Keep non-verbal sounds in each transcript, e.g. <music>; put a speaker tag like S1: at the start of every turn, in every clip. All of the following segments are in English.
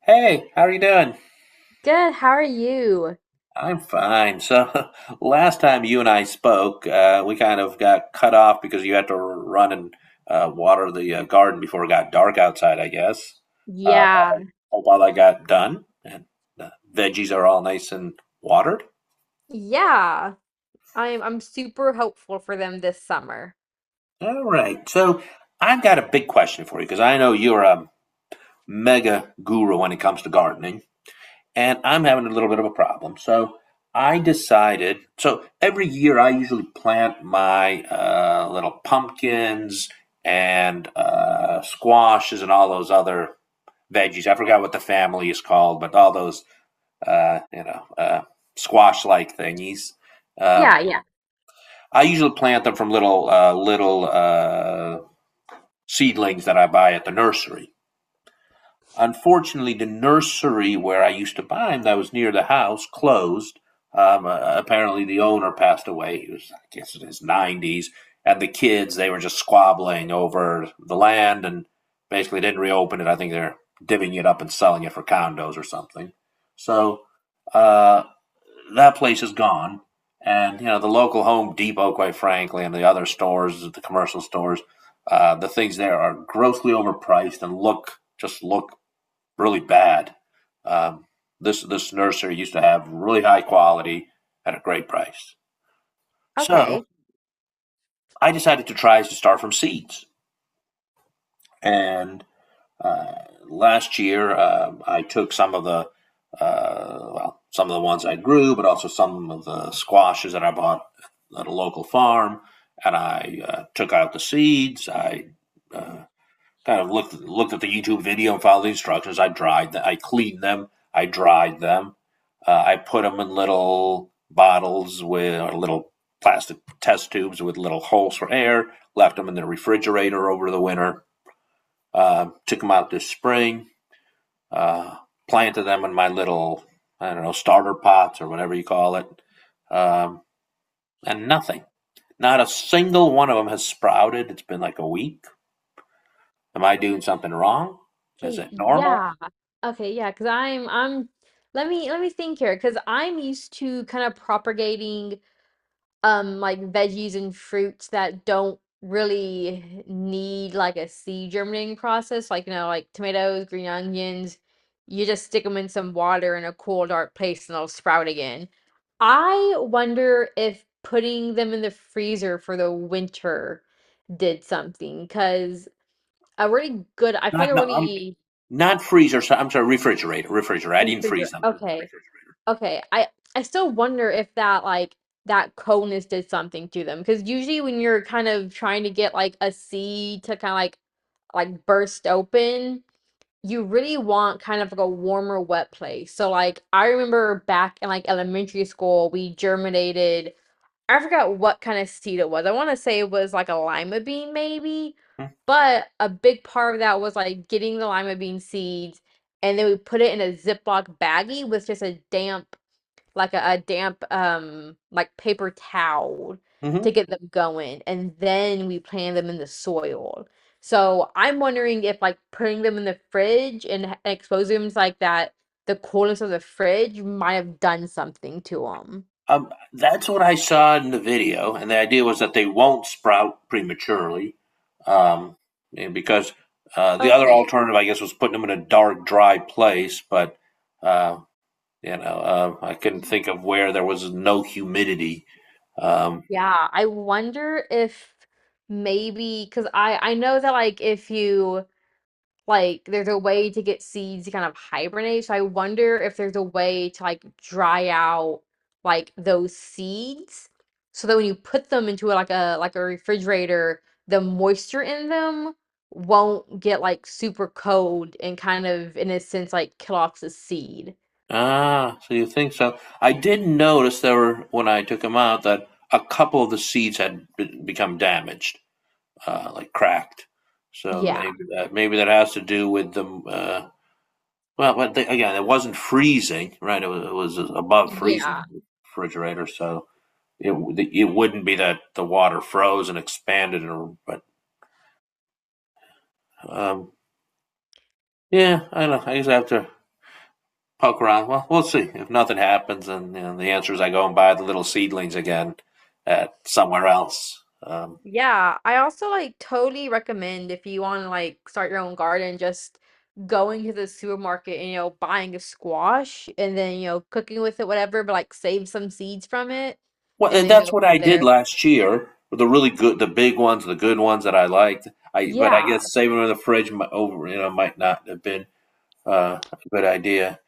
S1: Hey, how are you doing?
S2: Good, how are you?
S1: I'm fine. So, <laughs> last time you and I spoke, we kind of got cut off because you had to run and water the garden before it got dark outside, I guess. I
S2: Yeah,
S1: hope all that got done and the veggies are all nice and watered.
S2: yeah. I'm super hopeful for them this summer.
S1: All right. So, I've got a big question for you because I know you're a mega guru when it comes to gardening. And I'm having a little bit of a problem. So I decided. So every year I usually plant my little pumpkins and squashes and all those other veggies. I forgot what the family is called, but all those uh, you know uh, squash like thingies. Um,
S2: Yeah, yeah.
S1: I usually plant them from little seedlings that I buy at the nursery. Unfortunately, the nursery where I used to buy them that was near the house, closed. Apparently, the owner passed away. He was, I guess, in his 90s. And the kids, they were just squabbling over the land and basically didn't reopen it. I think they're divvying it up and selling it for condos or something. So uh, that place is gone. And, you know, the local Home Depot, quite frankly, and the other stores, the commercial stores, the things there are grossly overpriced and look just look really bad. Um, this nursery used to have really high quality at a great price. So
S2: Okay.
S1: I decided to try to start from seeds. And uh, Last year, I took some of the well, some of the ones I grew, but also some of the squashes that I bought at a local farm. And I took out the seeds. I uh, kind of looked at the YouTube video and followed the instructions. I dried them. I cleaned them. I dried them. I put them in little bottles with or little plastic test tubes with little holes for air. Left them in the refrigerator over the winter. Took them out this spring. Uh, Planted them in my little, I don't know, starter pots or whatever you call it. Um, and nothing. Not a single one of them has sprouted. It's been like a week. Am I doing something wrong? Is
S2: Okay,
S1: it normal?
S2: yeah. Okay, yeah, 'cause I'm let me think here 'cause I'm used to kind of propagating like veggies and fruits that don't really need like a seed germinating process like you know like tomatoes, green onions. You just stick them in some water in a cool dark place and they'll sprout again. I wonder if putting them in the freezer for the winter did something because a really good, I feel
S1: Not
S2: like a
S1: no, I'm
S2: really
S1: not freezer. So I'm sorry, refrigerator, refrigerator. I
S2: good
S1: didn't
S2: freezer.
S1: freeze them.
S2: Okay. Okay, I still wonder if that like that coldness did something to them because usually when you're kind of trying to get like a seed to kind of like burst open, you really want kind of like a warmer, wet place. So like I remember back in like elementary school, we germinated. I forgot what kind of seed it was. I want to say it was like a lima bean maybe, but a big part of that was like getting the lima bean seeds and then we put it in a Ziploc baggie with just a damp, like a damp like paper towel
S1: Hmm.
S2: to get them going and then we plant them in the soil. So I'm wondering if like putting them in the fridge and exposing them to like that, the coolness of the fridge might have done something to them.
S1: That's what I saw in the video, and the idea was that they won't sprout prematurely, um, because the other
S2: Okay.
S1: alternative, I guess, was putting them in a dark, dry place. But uh, you know, I couldn't think of where there was no humidity. Um,
S2: Yeah, I wonder if maybe because I know that like if you, like there's a way to get seeds to kind of hibernate. So I wonder if there's a way to like dry out like those seeds so that when you put them into like a refrigerator, the moisture in them won't get like super cold and kind of in a sense like kill off the seed.
S1: ah, so you think so? I did notice there were, when I took them out, that a couple of the seeds had become damaged. Like cracked. So
S2: Yeah.
S1: maybe that has to do with the well, but they, again, it wasn't freezing, right? It was above freezing in
S2: Yeah.
S1: the refrigerator, so it it wouldn't be that the water froze and expanded, or but um, yeah, I don't know. I just have to poke around. Well, we'll see. If nothing happens, and the answer is I go and buy the little seedlings again at somewhere else.
S2: Yeah, I also like totally recommend if you want to like start your own garden, just going to the supermarket and you know buying a squash and then you know cooking with it, whatever, but like save some seeds from it and
S1: Well,
S2: then
S1: that's
S2: go
S1: what
S2: from
S1: I did
S2: there.
S1: last year. The really good, the big ones, the good ones that I liked. I, but I
S2: Yeah,
S1: guess saving them in the fridge over, you know, might not have been a good idea.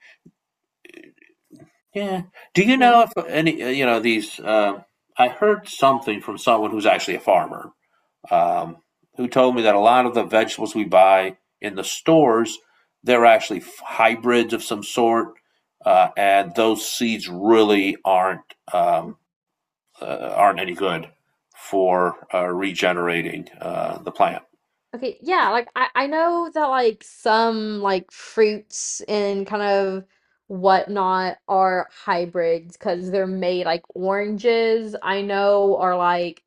S1: Yeah. Do you
S2: yeah.
S1: know if any, you know, these? I heard something from someone who's actually a farmer, um, who told me that a lot of the vegetables we buy in the stores, they're actually hybrids of some sort, and those seeds really aren't. Aren't any good for regenerating the plant.
S2: Okay, yeah, like I know that like some like fruits and kind of whatnot are hybrids because they're made, like oranges I know are like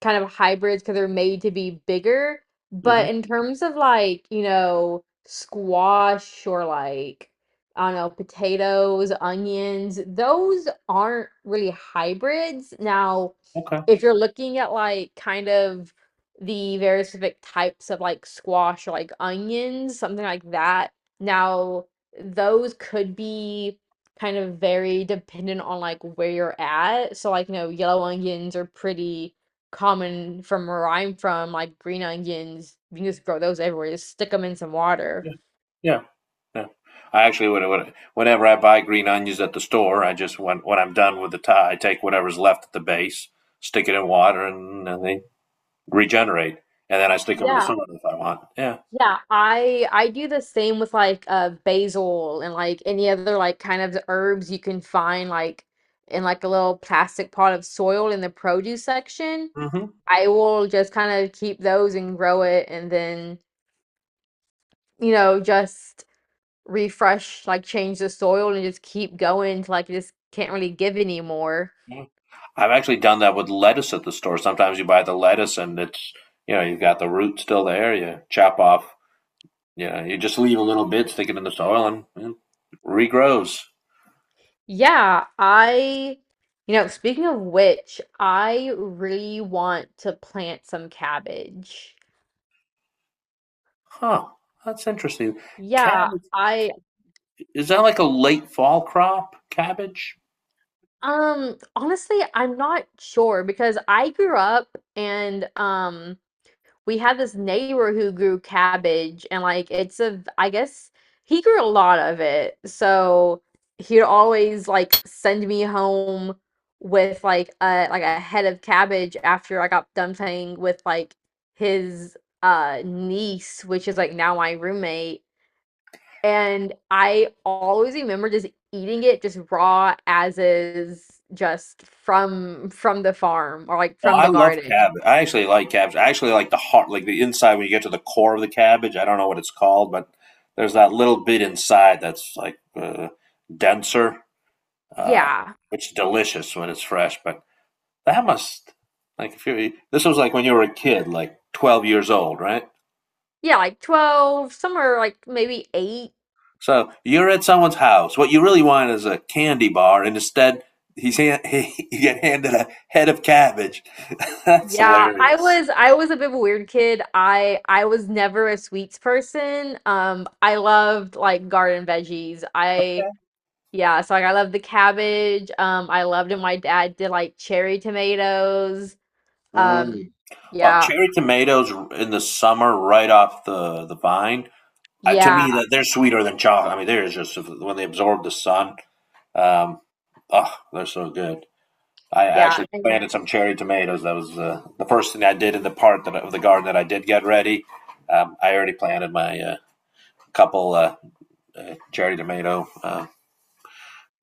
S2: kind of hybrids because they're made to be bigger. But
S1: Hmm.
S2: in terms of like, you know, squash or like, I don't know, potatoes, onions, those aren't really hybrids. Now,
S1: Okay.
S2: if you're looking at like kind of the very specific types of like squash or like onions, something like that, now those could be kind of very dependent on like where you're at. So like, you know, yellow onions are pretty common from where I'm from, like green onions. You can just grow those everywhere. Just stick them in some water.
S1: Yeah. Yeah. Yeah. I actually would, whenever I buy green onions at the store, I just, when I'm done with the tie, I take whatever's left at the base, stick it in water, and they regenerate. And then I stick them in the
S2: Yeah,
S1: soil if I want. Yeah.
S2: yeah. I do the same with like basil and like any other like kind of herbs you can find like in like a little plastic pot of soil in the produce section.
S1: Hmm.
S2: I will just kind of keep those and grow it and then, you know, just refresh, like change the soil and just keep going till like it just can't really give anymore.
S1: I've actually done that with lettuce at the store. Sometimes you buy the lettuce and it's, you know, you've got the root still there. You chop off. Yeah, you just leave a little bit sticking in the soil and regrows.
S2: Yeah, I, you know, speaking of which, I really want to plant some cabbage.
S1: Huh, that's interesting.
S2: Yeah,
S1: Cabbage,
S2: I,
S1: is that like a late fall crop? Cabbage?
S2: honestly, I'm not sure because I grew up and, we had this neighbor who grew cabbage and like, it's a, I guess he grew a lot of it. So he'd always like send me home with like a head of cabbage after I got done playing with like his niece, which is like now my roommate. And I always remember just eating it just raw as is, just from the farm or like
S1: Well,
S2: from
S1: I
S2: the
S1: love
S2: garden.
S1: cabbage. I actually like cabbage. I actually like the heart, like the inside when you get to the core of the cabbage. I don't know what it's called, but there's that little bit inside that's like denser, uh,
S2: Yeah.
S1: which is delicious when it's fresh. But that must, like if you, this was like when you were a kid, like 12 years old, right?
S2: Yeah, like 12, somewhere like maybe 8.
S1: So you're at someone's house. What you really want is a candy bar, and instead, <laughs> he, you get handed a head of cabbage. <laughs> That's
S2: Yeah, I
S1: hilarious.
S2: was I was a bit of a weird kid. I was never a sweets person. I loved like garden veggies. I, yeah, so like I loved the cabbage. I loved it. My dad did like cherry tomatoes. Um,
S1: Mm. Well,
S2: yeah,
S1: cherry tomatoes in the summer, right off the vine. To me,
S2: yeah,
S1: that they're sweeter than chocolate. I mean, they're just, when they absorb the sun. Um, oh, they're so good. I
S2: yeah,
S1: actually
S2: and
S1: planted some cherry tomatoes. That was the first thing I did in the part, that, of the garden that I did get ready. I already planted my couple cherry tomato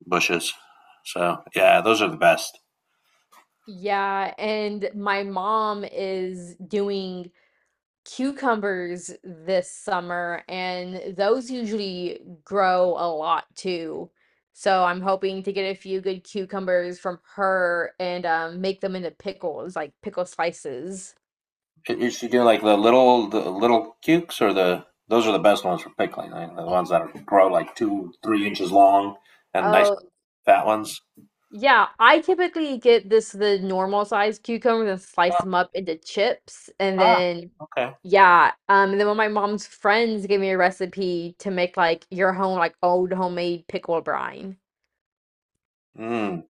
S1: bushes. So yeah, those are the best.
S2: yeah, and my mom is doing cucumbers this summer, and those usually grow a lot too. So I'm hoping to get a few good cucumbers from her and make them into pickles, like pickle slices.
S1: You should do like the little cukes, or the those are the best ones for pickling. I mean, the ones that are, grow like 2 3 inches long and nice
S2: Oh,
S1: fat ones.
S2: yeah. I typically get this, the normal size cucumbers, and slice
S1: Ah,
S2: them up into chips, and
S1: ah,
S2: then
S1: okay.
S2: yeah, and then one of my mom's friends gave me a recipe to make like your home, like old homemade pickle brine.
S1: Mm,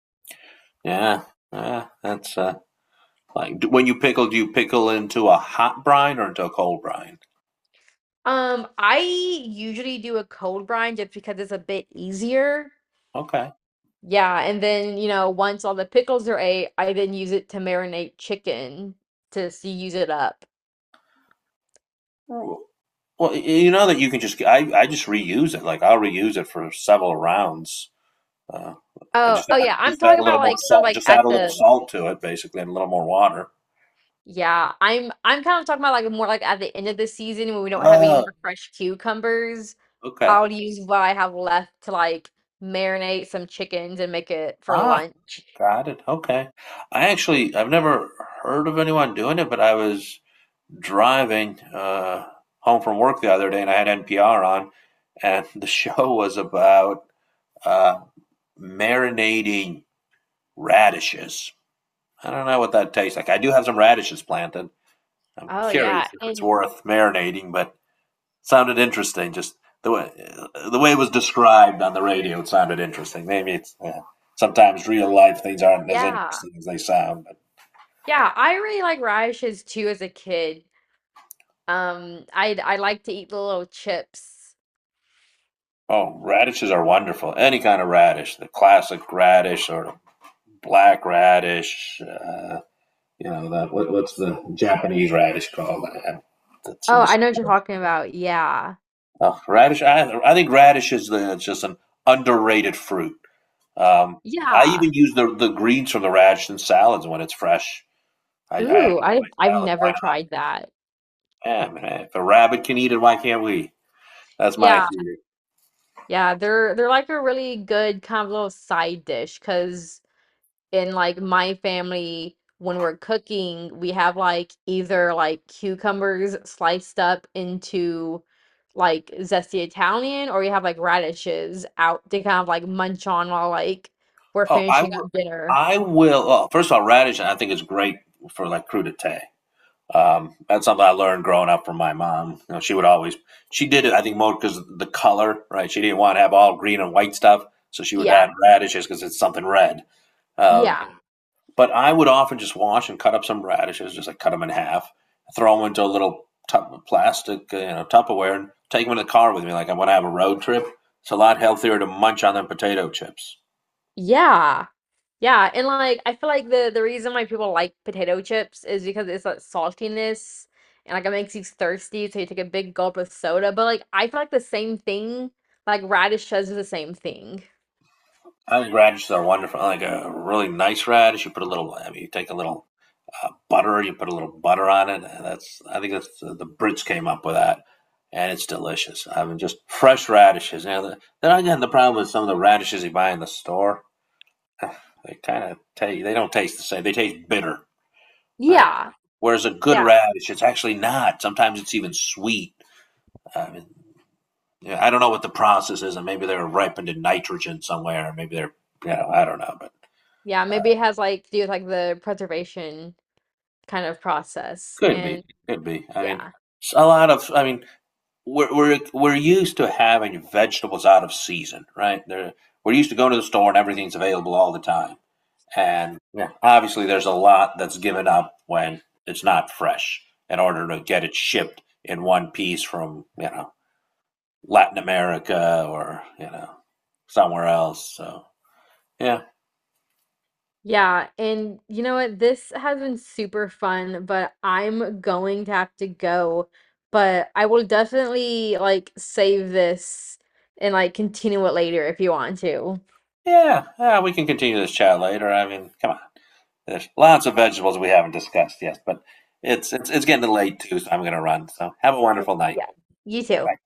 S1: yeah, yeah. That's like, when you pickle, do you pickle into a hot brine or into a cold brine?
S2: I usually do a cold brine just because it's a bit easier.
S1: Okay.
S2: Yeah, and then, you know, once all the pickles are ate, I then use it to marinate chicken to use it up.
S1: Well, you know that you can just, I just reuse it. Like I'll reuse it for several rounds. Uh, I
S2: Oh, oh yeah, I'm
S1: just add
S2: talking
S1: a little
S2: about
S1: more
S2: like kind of
S1: salt,
S2: like
S1: just
S2: at
S1: add a little
S2: the,
S1: salt to it, basically, and a little more water.
S2: yeah, I'm kind of talking about like more like at the end of the season when we don't have any
S1: Oh,
S2: more fresh cucumbers.
S1: okay.
S2: I'll use what I have left to like marinate some chickens and make it for
S1: Ah,
S2: lunch.
S1: got it. Okay. I actually, I've never heard of anyone doing it, but I was driving home from work the other day, and I had NPR on, and <laughs> the show was about uh, marinating radishes. I don't know what that tastes like. I do have some radishes planted. I'm
S2: Oh, yeah,
S1: curious if it's
S2: and
S1: worth marinating, but sounded interesting. Just the way the way it was described on the radio, it sounded interesting. Maybe it's, yeah. Sometimes real life things aren't as
S2: yeah.
S1: interesting as they sound. But
S2: Yeah, I really like radishes too as a kid. I like to eat the little chips.
S1: oh, radishes are wonderful. Any kind of radish, the classic radish or the black radish. You know that, what, what's the Japanese radish called? That's in
S2: Oh,
S1: the
S2: I know what you're talking about. Yeah.
S1: radish. I think radish is the, it's just an underrated fruit. Um, I
S2: Yeah.
S1: even use the greens from the radish in salads when it's fresh. I
S2: Ooh, I've
S1: Salad. Why
S2: never
S1: not?
S2: tried that.
S1: Yeah, man. If a rabbit can eat it, why can't we? That's my
S2: Yeah.
S1: theory.
S2: Yeah, they're like a really good kind of little side dish because in like my family when we're cooking we have like either like cucumbers sliced up into like zesty Italian, or you have like radishes out to kind of like munch on while like we're
S1: Oh, I
S2: finishing up
S1: will.
S2: dinner.
S1: I will. Oh, first of all, radish I think is great for like crudité. That's something I learned growing up from my mom. You know, she would always, she did it. I think more because of the color, right? She didn't want to have all green and white stuff, so she would add
S2: Yeah,
S1: radishes because it's something red. Um,
S2: yeah,
S1: But I would often just wash and cut up some radishes, just like cut them in half, throw them into a little tup plastic, you know, Tupperware, and take them in the car with me. Like I want to have a road trip. It's a lot healthier to munch on than potato chips.
S2: yeah, yeah. And like I feel like the reason why people like potato chips is because it's like saltiness and like it makes you thirsty so you take a big gulp of soda. But like I feel like the same thing, like radish does the same thing.
S1: I think radishes are wonderful. I like a really nice radish, you put a little. I mean, you take a little butter, you put a little butter on it. And that's, I think that's the Brits came up with that, and it's delicious. I mean, just fresh radishes. Now, the, then again, the problem is some of the radishes you buy in the store, they kind of taste. They don't taste the same. They taste bitter, right?
S2: Yeah,
S1: Whereas a good
S2: yeah,
S1: radish, it's actually not. Sometimes it's even sweet. I mean, yeah, I don't know what the process is, and maybe they're ripened in nitrogen somewhere, or maybe they're, you know, I don't know, but
S2: yeah, maybe it has, like, to do with, like, the preservation kind of process,
S1: could be,
S2: and
S1: could be. I mean,
S2: yeah,
S1: a lot of, I mean, we're used to having vegetables out of season, right? They're, we're used to going to the store and everything's available all the time. And yeah, obviously, there's a lot that's given up when it's not fresh in order to get it shipped in one piece from, you know, Latin America or, you know, somewhere else. So yeah,
S2: yeah, and you know what? This has been super fun, but I'm going to have to go, but I will definitely, like, save this and, like, continue it later if you want to.
S1: yeah, yeah. We can continue this chat later. I mean, come on, there's lots of vegetables we haven't discussed yet, but it's getting late too, so I'm gonna run. So have a
S2: But
S1: wonderful night.
S2: yeah, you too.
S1: Bye.